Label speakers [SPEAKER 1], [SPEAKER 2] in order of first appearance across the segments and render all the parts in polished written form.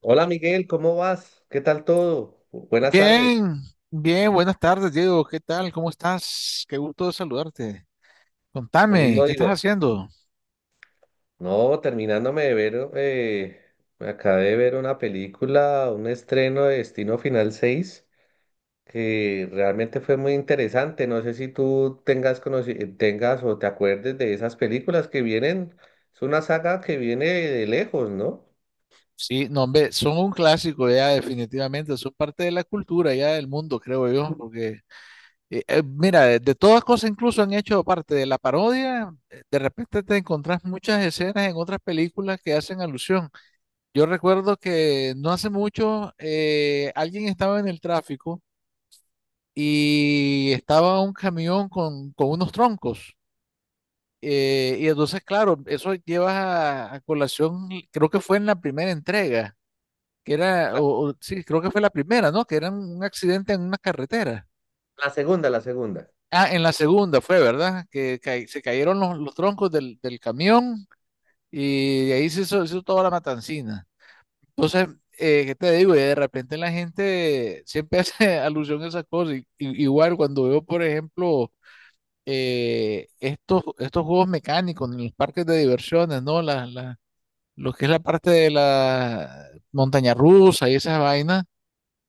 [SPEAKER 1] Hola Miguel, ¿cómo vas? ¿Qué tal todo? Buenas tardes.
[SPEAKER 2] Bien, bien, buenas tardes, Diego. ¿Qué tal? ¿Cómo estás? Qué gusto saludarte.
[SPEAKER 1] Lo mismo
[SPEAKER 2] Contame, ¿qué estás
[SPEAKER 1] digo.
[SPEAKER 2] haciendo?
[SPEAKER 1] No, terminándome de ver, me acabé de ver una película, un estreno de Destino Final seis, que realmente fue muy interesante. No sé si tú tengas, tengas o te acuerdes de esas películas que vienen. Es una saga que viene de lejos, ¿no?
[SPEAKER 2] Sí, no, hombre, son un clásico ya, definitivamente, son parte de la cultura ya del mundo, creo yo, porque, mira, de todas cosas incluso han hecho parte de la parodia, de repente te encontrás muchas escenas en otras películas que hacen alusión. Yo recuerdo que no hace mucho alguien estaba en el tráfico y estaba un camión con unos troncos. Y entonces, claro, eso llevas a colación, creo que fue en la primera entrega, que era,
[SPEAKER 1] La,
[SPEAKER 2] o sí, creo que fue la primera, ¿no? Que era un accidente en una carretera.
[SPEAKER 1] la segunda, la segunda.
[SPEAKER 2] Ah, en la segunda fue, ¿verdad? Se cayeron los troncos del camión y de ahí se hizo toda la matancina. Entonces, ¿qué te digo? Y de repente la gente siempre hace alusión a esas cosas. Igual cuando veo, por ejemplo, estos juegos mecánicos en los parques de diversiones, ¿no? Lo que es la parte de la montaña rusa y esas vainas,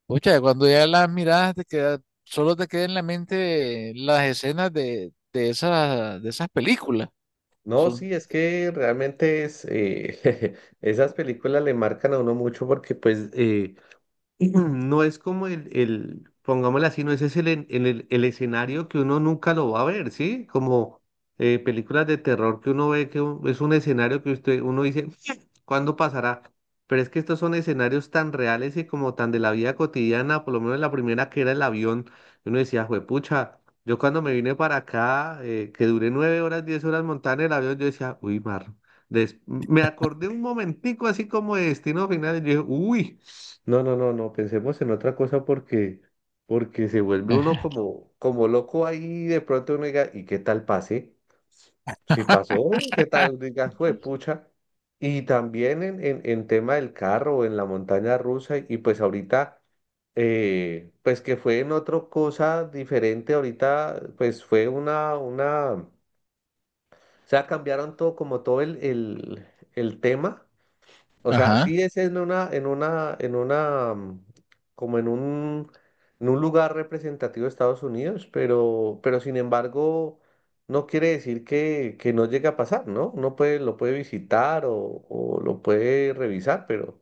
[SPEAKER 2] pucha, cuando ya las miradas te queda, solo te quedan en la mente las escenas de esas películas.
[SPEAKER 1] No,
[SPEAKER 2] Son...
[SPEAKER 1] sí, es que realmente es, esas películas le marcan a uno mucho porque pues. No es como pongámosle así, no ese es el, en- el, el escenario que uno nunca lo va a ver, ¿sí? Como películas de terror que uno ve que es un escenario que usted, uno dice, ¿cuándo pasará? Pero es que estos son escenarios tan reales y como tan de la vida cotidiana, por lo menos la primera que era el avión, uno decía, juepucha, yo cuando me vine para acá, que duré 9 horas, 10 horas montada en el avión, yo decía, uy, mar, me acordé un momentico así como de Destino Final y yo dije, uy. No, no, no, no, pensemos en otra cosa porque se vuelve uno como loco ahí de pronto uno diga, ¿y qué tal pase? Si pasó, ¿qué tal? Diga, fue pucha. Y también en tema del carro, en la montaña rusa, y pues ahorita, pues que fue en otra cosa diferente, ahorita pues fue o sea, cambiaron todo como todo el tema. O sea,
[SPEAKER 2] Ajá.
[SPEAKER 1] sí es en una, como en un lugar representativo de Estados Unidos, pero, sin embargo, no quiere decir que no llegue a pasar, ¿no? Uno puede, lo puede visitar o lo puede revisar,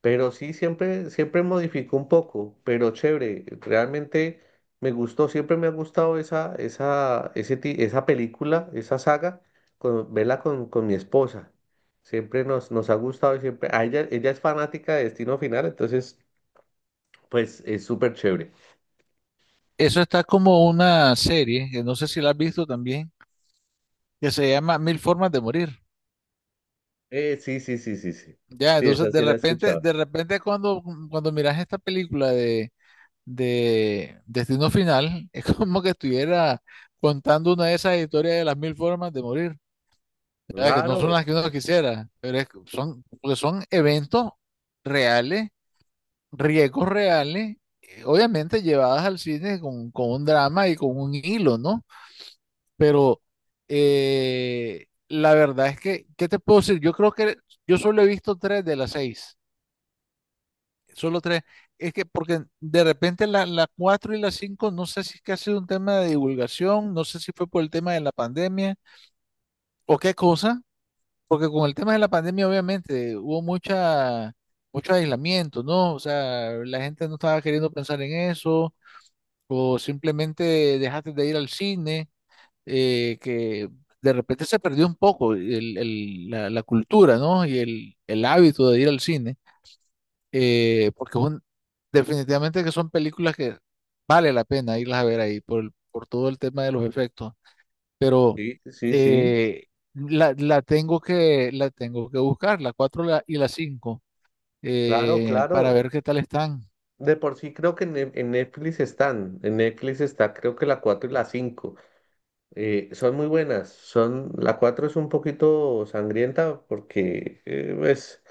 [SPEAKER 1] pero sí, siempre modificó un poco, pero chévere, realmente me gustó, siempre me ha gustado esa película, esa saga, verla con mi esposa. Siempre nos ha gustado y siempre, ella es fanática de Destino Final, entonces, pues es súper chévere.
[SPEAKER 2] Eso está como una serie, que no sé si la has visto también, que se llama Mil Formas de Morir.
[SPEAKER 1] Sí, sí, sí, sí, sí.
[SPEAKER 2] Ya,
[SPEAKER 1] Sí, esa
[SPEAKER 2] entonces
[SPEAKER 1] sí la he escuchado.
[SPEAKER 2] de repente cuando, cuando miras esta película de Destino Final, es como que estuviera contando una de esas historias de las mil formas de morir. ¿Verdad? Que no son
[SPEAKER 1] Claro,
[SPEAKER 2] las que uno quisiera, pero es que son, porque son eventos reales, riesgos reales, obviamente llevadas al cine con un drama y con un hilo, ¿no? Pero la verdad es que, ¿qué te puedo decir? Yo creo que yo solo he visto tres de las seis, solo tres. Es que porque de repente la cuatro y la cinco, no sé si es que ha sido un tema de divulgación, no sé si fue por el tema de la pandemia o qué cosa. Porque con el tema de la pandemia, obviamente, hubo mucha, mucho aislamiento, ¿no? O sea, la gente no estaba queriendo pensar en eso, o simplemente dejaste de ir al cine, que de repente se perdió un poco la cultura, ¿no? Y el hábito de ir al cine, porque es definitivamente que son películas que vale la pena irlas a ver ahí por, por todo el tema de los efectos. Pero
[SPEAKER 1] sí, sí, sí,
[SPEAKER 2] eh, la, la tengo que buscar, la 4 y la cinco,
[SPEAKER 1] claro,
[SPEAKER 2] para
[SPEAKER 1] claro.
[SPEAKER 2] ver qué tal están.
[SPEAKER 1] De por sí creo que en Netflix están, en Netflix está creo que la 4 y la cinco. Son muy buenas. La 4 es un poquito sangrienta porque, eh, pues,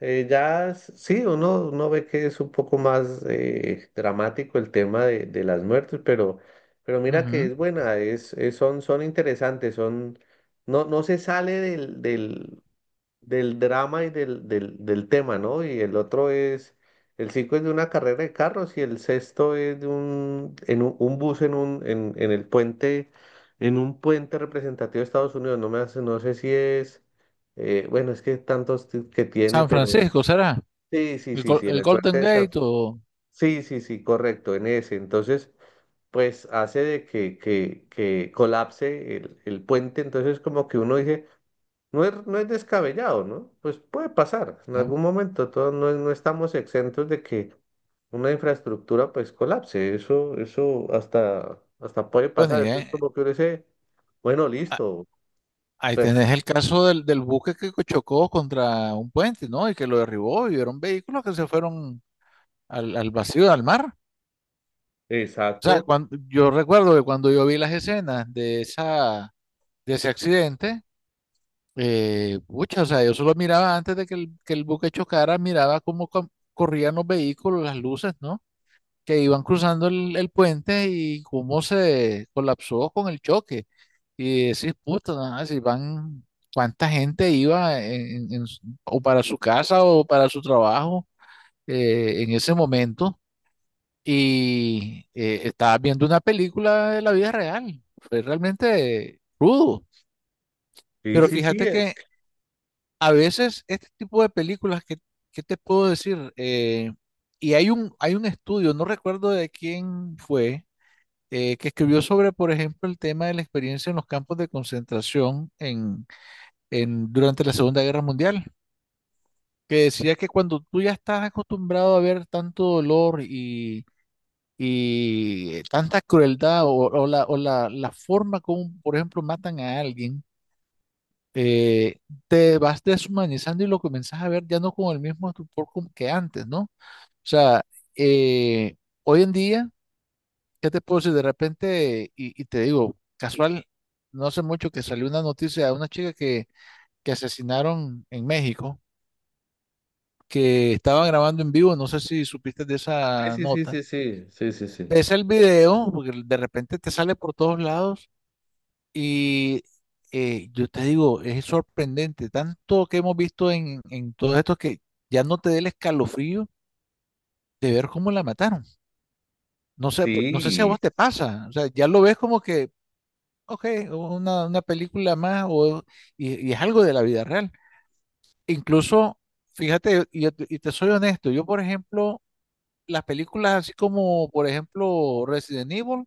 [SPEAKER 1] eh, ya s- sí, uno ve que es un poco más dramático el tema de las muertes, pero mira que
[SPEAKER 2] Ujú.
[SPEAKER 1] es buena, son interesantes, no, no se sale del drama y del tema, ¿no? Y el cinco es de una carrera de carros y el sexto es de un bus en en el puente, en un puente representativo de Estados Unidos. No sé si es, bueno, es que tantos que tiene,
[SPEAKER 2] San
[SPEAKER 1] pero
[SPEAKER 2] Francisco, ¿será?
[SPEAKER 1] sí, sí,
[SPEAKER 2] ¿El,
[SPEAKER 1] sí, sí, en
[SPEAKER 2] El
[SPEAKER 1] el puente
[SPEAKER 2] Golden
[SPEAKER 1] de San.
[SPEAKER 2] Gate o...?
[SPEAKER 1] Sí, sí, sí, correcto, en ese. Entonces, pues hace de que colapse el puente. Entonces, como que uno dice no es, no es descabellado, ¿no? Pues puede pasar. En
[SPEAKER 2] ¿No?
[SPEAKER 1] algún momento todos no, no estamos exentos de que una infraestructura pues colapse. Eso hasta puede
[SPEAKER 2] Bueno, y
[SPEAKER 1] pasar. Entonces como que uno dice, bueno,
[SPEAKER 2] a-
[SPEAKER 1] listo,
[SPEAKER 2] ahí
[SPEAKER 1] pues,
[SPEAKER 2] tenés el caso del buque que chocó contra un puente, ¿no? Y que lo derribó y eran vehículos que se fueron al vacío, al mar. O sea,
[SPEAKER 1] exacto.
[SPEAKER 2] cuando, yo recuerdo que cuando yo vi las escenas de, esa, de ese accidente. Pucha, o sea, yo solo miraba antes de que que el buque chocara, miraba cómo corrían los vehículos, las luces, ¿no? Que iban cruzando el puente y cómo se colapsó con el choque. Y decís, puta, nada, si van, cuánta gente iba o para su casa o para su trabajo en ese momento. Y estaba viendo una película de la vida real. Fue realmente crudo.
[SPEAKER 1] Sí,
[SPEAKER 2] Pero
[SPEAKER 1] sí, sí.
[SPEAKER 2] fíjate que a veces este tipo de películas, que ¿qué te puedo decir? Y hay hay un estudio, no recuerdo de quién fue, que escribió sobre, por ejemplo, el tema de la experiencia en los campos de concentración en, durante la Segunda Guerra Mundial, que decía que cuando tú ya estás acostumbrado a ver tanto dolor y tanta crueldad o, o la, la forma como, por ejemplo, matan a alguien, eh, te vas deshumanizando y lo comienzas a ver ya no con el mismo estupor como que antes, ¿no? O sea, eh, hoy en día, ¿qué te puedo decir? De repente, y te digo, casual, no hace mucho que salió una noticia de una chica que asesinaron en México, que estaban grabando en vivo, no sé si supiste de
[SPEAKER 1] Sí,
[SPEAKER 2] esa
[SPEAKER 1] sí,
[SPEAKER 2] nota.
[SPEAKER 1] sí, sí, sí, sí, sí.
[SPEAKER 2] Ves el video, porque de repente te sale por todos lados. Y yo te digo, es sorprendente, tanto que hemos visto en todo esto que ya no te dé el escalofrío de ver cómo la mataron. No sé,
[SPEAKER 1] Sí,
[SPEAKER 2] no sé si a
[SPEAKER 1] sí,
[SPEAKER 2] vos te pasa, o sea, ya lo ves como que, ok, una película más o, y es algo de la vida real. Incluso, fíjate, y, yo te y te soy honesto, yo por ejemplo, las películas así como, por ejemplo, Resident Evil,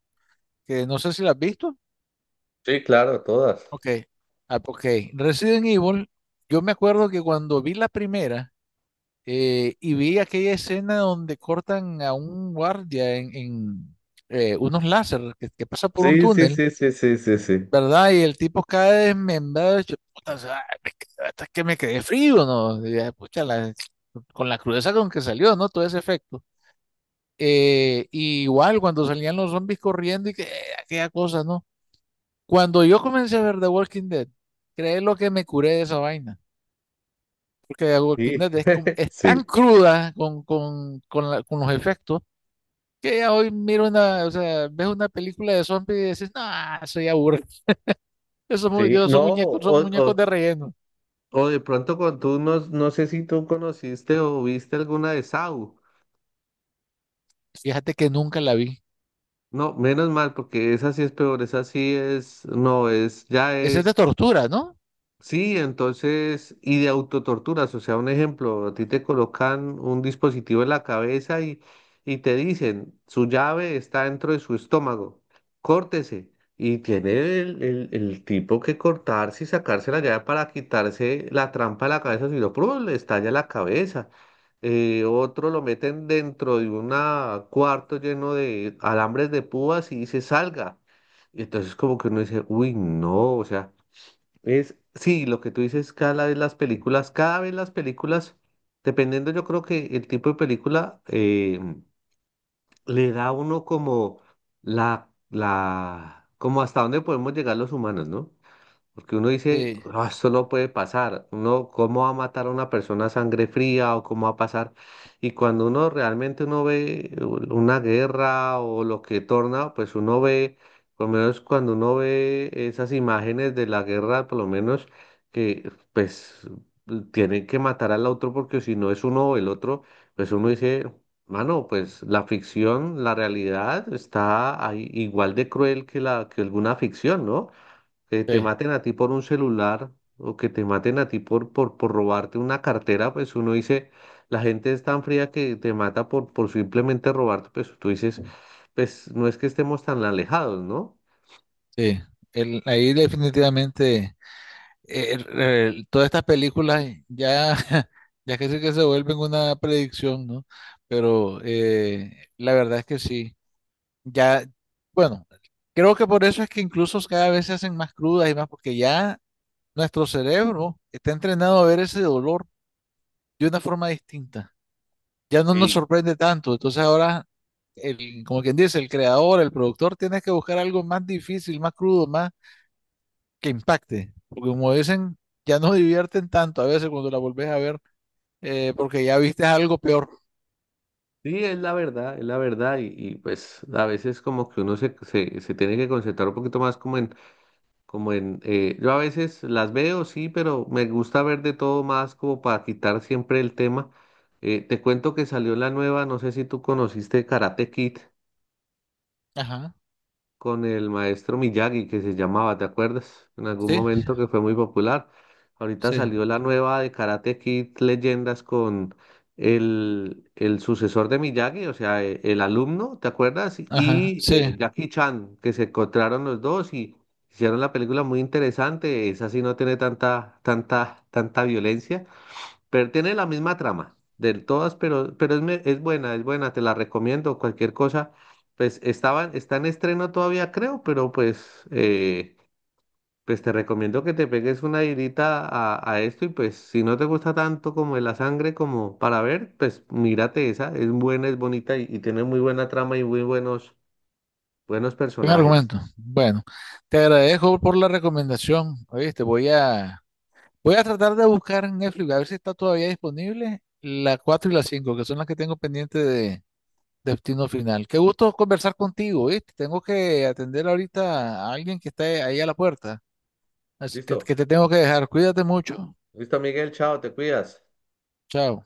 [SPEAKER 2] que no sé si las has visto.
[SPEAKER 1] sí, claro, todas.
[SPEAKER 2] Ok, ah, ok. Resident Evil, yo me acuerdo que cuando vi la primera, y vi aquella escena donde cortan a un guardia unos láser que pasa por un
[SPEAKER 1] Sí, sí,
[SPEAKER 2] túnel,
[SPEAKER 1] sí, sí, sí, sí, sí.
[SPEAKER 2] ¿verdad? Y el tipo cae desmembrado, yo, puta, o sea, hasta que me quedé frío, ¿no? Y dije, pucha, con la crudeza con que salió, ¿no? Todo ese efecto. Y igual cuando salían los zombies corriendo y que, aquella cosa, ¿no? Cuando yo comencé a ver The Walking Dead, creé lo que me curé de esa vaina. Porque The Walking
[SPEAKER 1] Sí,
[SPEAKER 2] Dead es, es tan
[SPEAKER 1] sí,
[SPEAKER 2] cruda con los efectos que ya hoy miro una, o sea, ves una película de zombies y dices, no, soy aburrido. Esos,
[SPEAKER 1] sí.
[SPEAKER 2] esos
[SPEAKER 1] No,
[SPEAKER 2] muñecos son muñecos de relleno.
[SPEAKER 1] o de pronto no, no sé si tú conociste o viste alguna de Saw.
[SPEAKER 2] Fíjate que nunca la vi.
[SPEAKER 1] No, menos mal, porque esa sí es peor, esa sí no, ya
[SPEAKER 2] Esa es de
[SPEAKER 1] es.
[SPEAKER 2] tortura, ¿no?
[SPEAKER 1] Sí, entonces, y de autotorturas, o sea, un ejemplo, a ti te colocan un dispositivo en la cabeza y te dicen, su llave está dentro de su estómago, córtese. Y tiene el tipo que cortarse y sacarse la llave para quitarse la trampa de la cabeza, si no, ¡prum! Le estalla la cabeza. Otro lo meten dentro de un cuarto lleno de alambres de púas y dice, salga. Y entonces como que uno dice, uy, no, o sea. Sí, lo que tú dices, cada vez las películas, cada vez las películas, dependiendo yo creo que el tipo de película, le da a uno como como hasta dónde podemos llegar los humanos, ¿no? Porque uno dice:
[SPEAKER 2] Sí,
[SPEAKER 1] "Ah, esto no puede pasar. Uno, ¿cómo va a matar a una persona a sangre fría o cómo va a pasar?" Y cuando uno realmente uno ve una guerra o lo que torna, pues uno ve, por lo menos cuando uno ve esas imágenes de la guerra, por lo menos que pues tienen que matar al otro porque si no es uno o el otro, pues uno dice, mano, pues la ficción, la realidad está ahí igual de cruel que la que alguna ficción, ¿no? Que te
[SPEAKER 2] sí,
[SPEAKER 1] maten a ti por un celular o que te maten a ti por robarte una cartera, pues uno dice, la gente es tan fría que te mata por simplemente robarte, pues tú dices, pues no es que estemos tan alejados, ¿no?
[SPEAKER 2] sí. El- ahí definitivamente. Todas estas películas ya, ya casi que se vuelven una predicción, ¿no? Pero la verdad es que sí, ya, bueno, creo que por eso es que incluso cada vez se hacen más crudas y más, porque ya nuestro cerebro está entrenado a ver ese dolor de una forma distinta, ya no nos
[SPEAKER 1] Sí.
[SPEAKER 2] sorprende tanto, entonces ahora, como quien dice, el creador, el productor, tiene que buscar algo más difícil, más crudo, más que impacte. Porque como dicen, ya no divierten tanto a veces cuando la volvés a ver, porque ya viste algo peor.
[SPEAKER 1] Sí, es la verdad, pues a veces como que uno se tiene que concentrar un poquito más. Como en, Yo a veces las veo, sí, pero me gusta ver de todo más como para quitar siempre el tema. Te cuento que salió la nueva, no sé si tú conociste Karate Kid
[SPEAKER 2] Ajá,
[SPEAKER 1] con el maestro Miyagi que se llamaba, ¿te acuerdas? En algún
[SPEAKER 2] sí,
[SPEAKER 1] momento que fue muy popular. Ahorita
[SPEAKER 2] sí,
[SPEAKER 1] salió la nueva de Karate Kid Leyendas con el sucesor de Miyagi, o sea, el alumno, ¿te acuerdas?
[SPEAKER 2] ajá,
[SPEAKER 1] Y
[SPEAKER 2] sí.
[SPEAKER 1] eh, Jackie Chan, que se encontraron los dos y hicieron la película muy interesante. Esa sí no tiene tanta, tanta, tanta violencia. Pero tiene la misma trama del todas, pero es buena, te la recomiendo. Cualquier cosa, pues está en estreno todavía, creo, pero pues, pues te recomiendo que te pegues una irita a esto y pues si no te gusta tanto como de la sangre como para ver, pues mírate esa, es buena, es bonita y tiene muy buena trama y buenos
[SPEAKER 2] Buen
[SPEAKER 1] personajes.
[SPEAKER 2] argumento. Bueno, te agradezco por la recomendación. Oíste, voy a, voy a tratar de buscar en Netflix a ver si está todavía disponible la 4 y la 5 que son las que tengo pendiente de Destino Final. Qué gusto conversar contigo, ¿viste? Tengo que atender ahorita a alguien que está ahí a la puerta. Así
[SPEAKER 1] Listo,
[SPEAKER 2] que te tengo que dejar. Cuídate mucho.
[SPEAKER 1] listo, Miguel, chao, te cuidas.
[SPEAKER 2] Chao.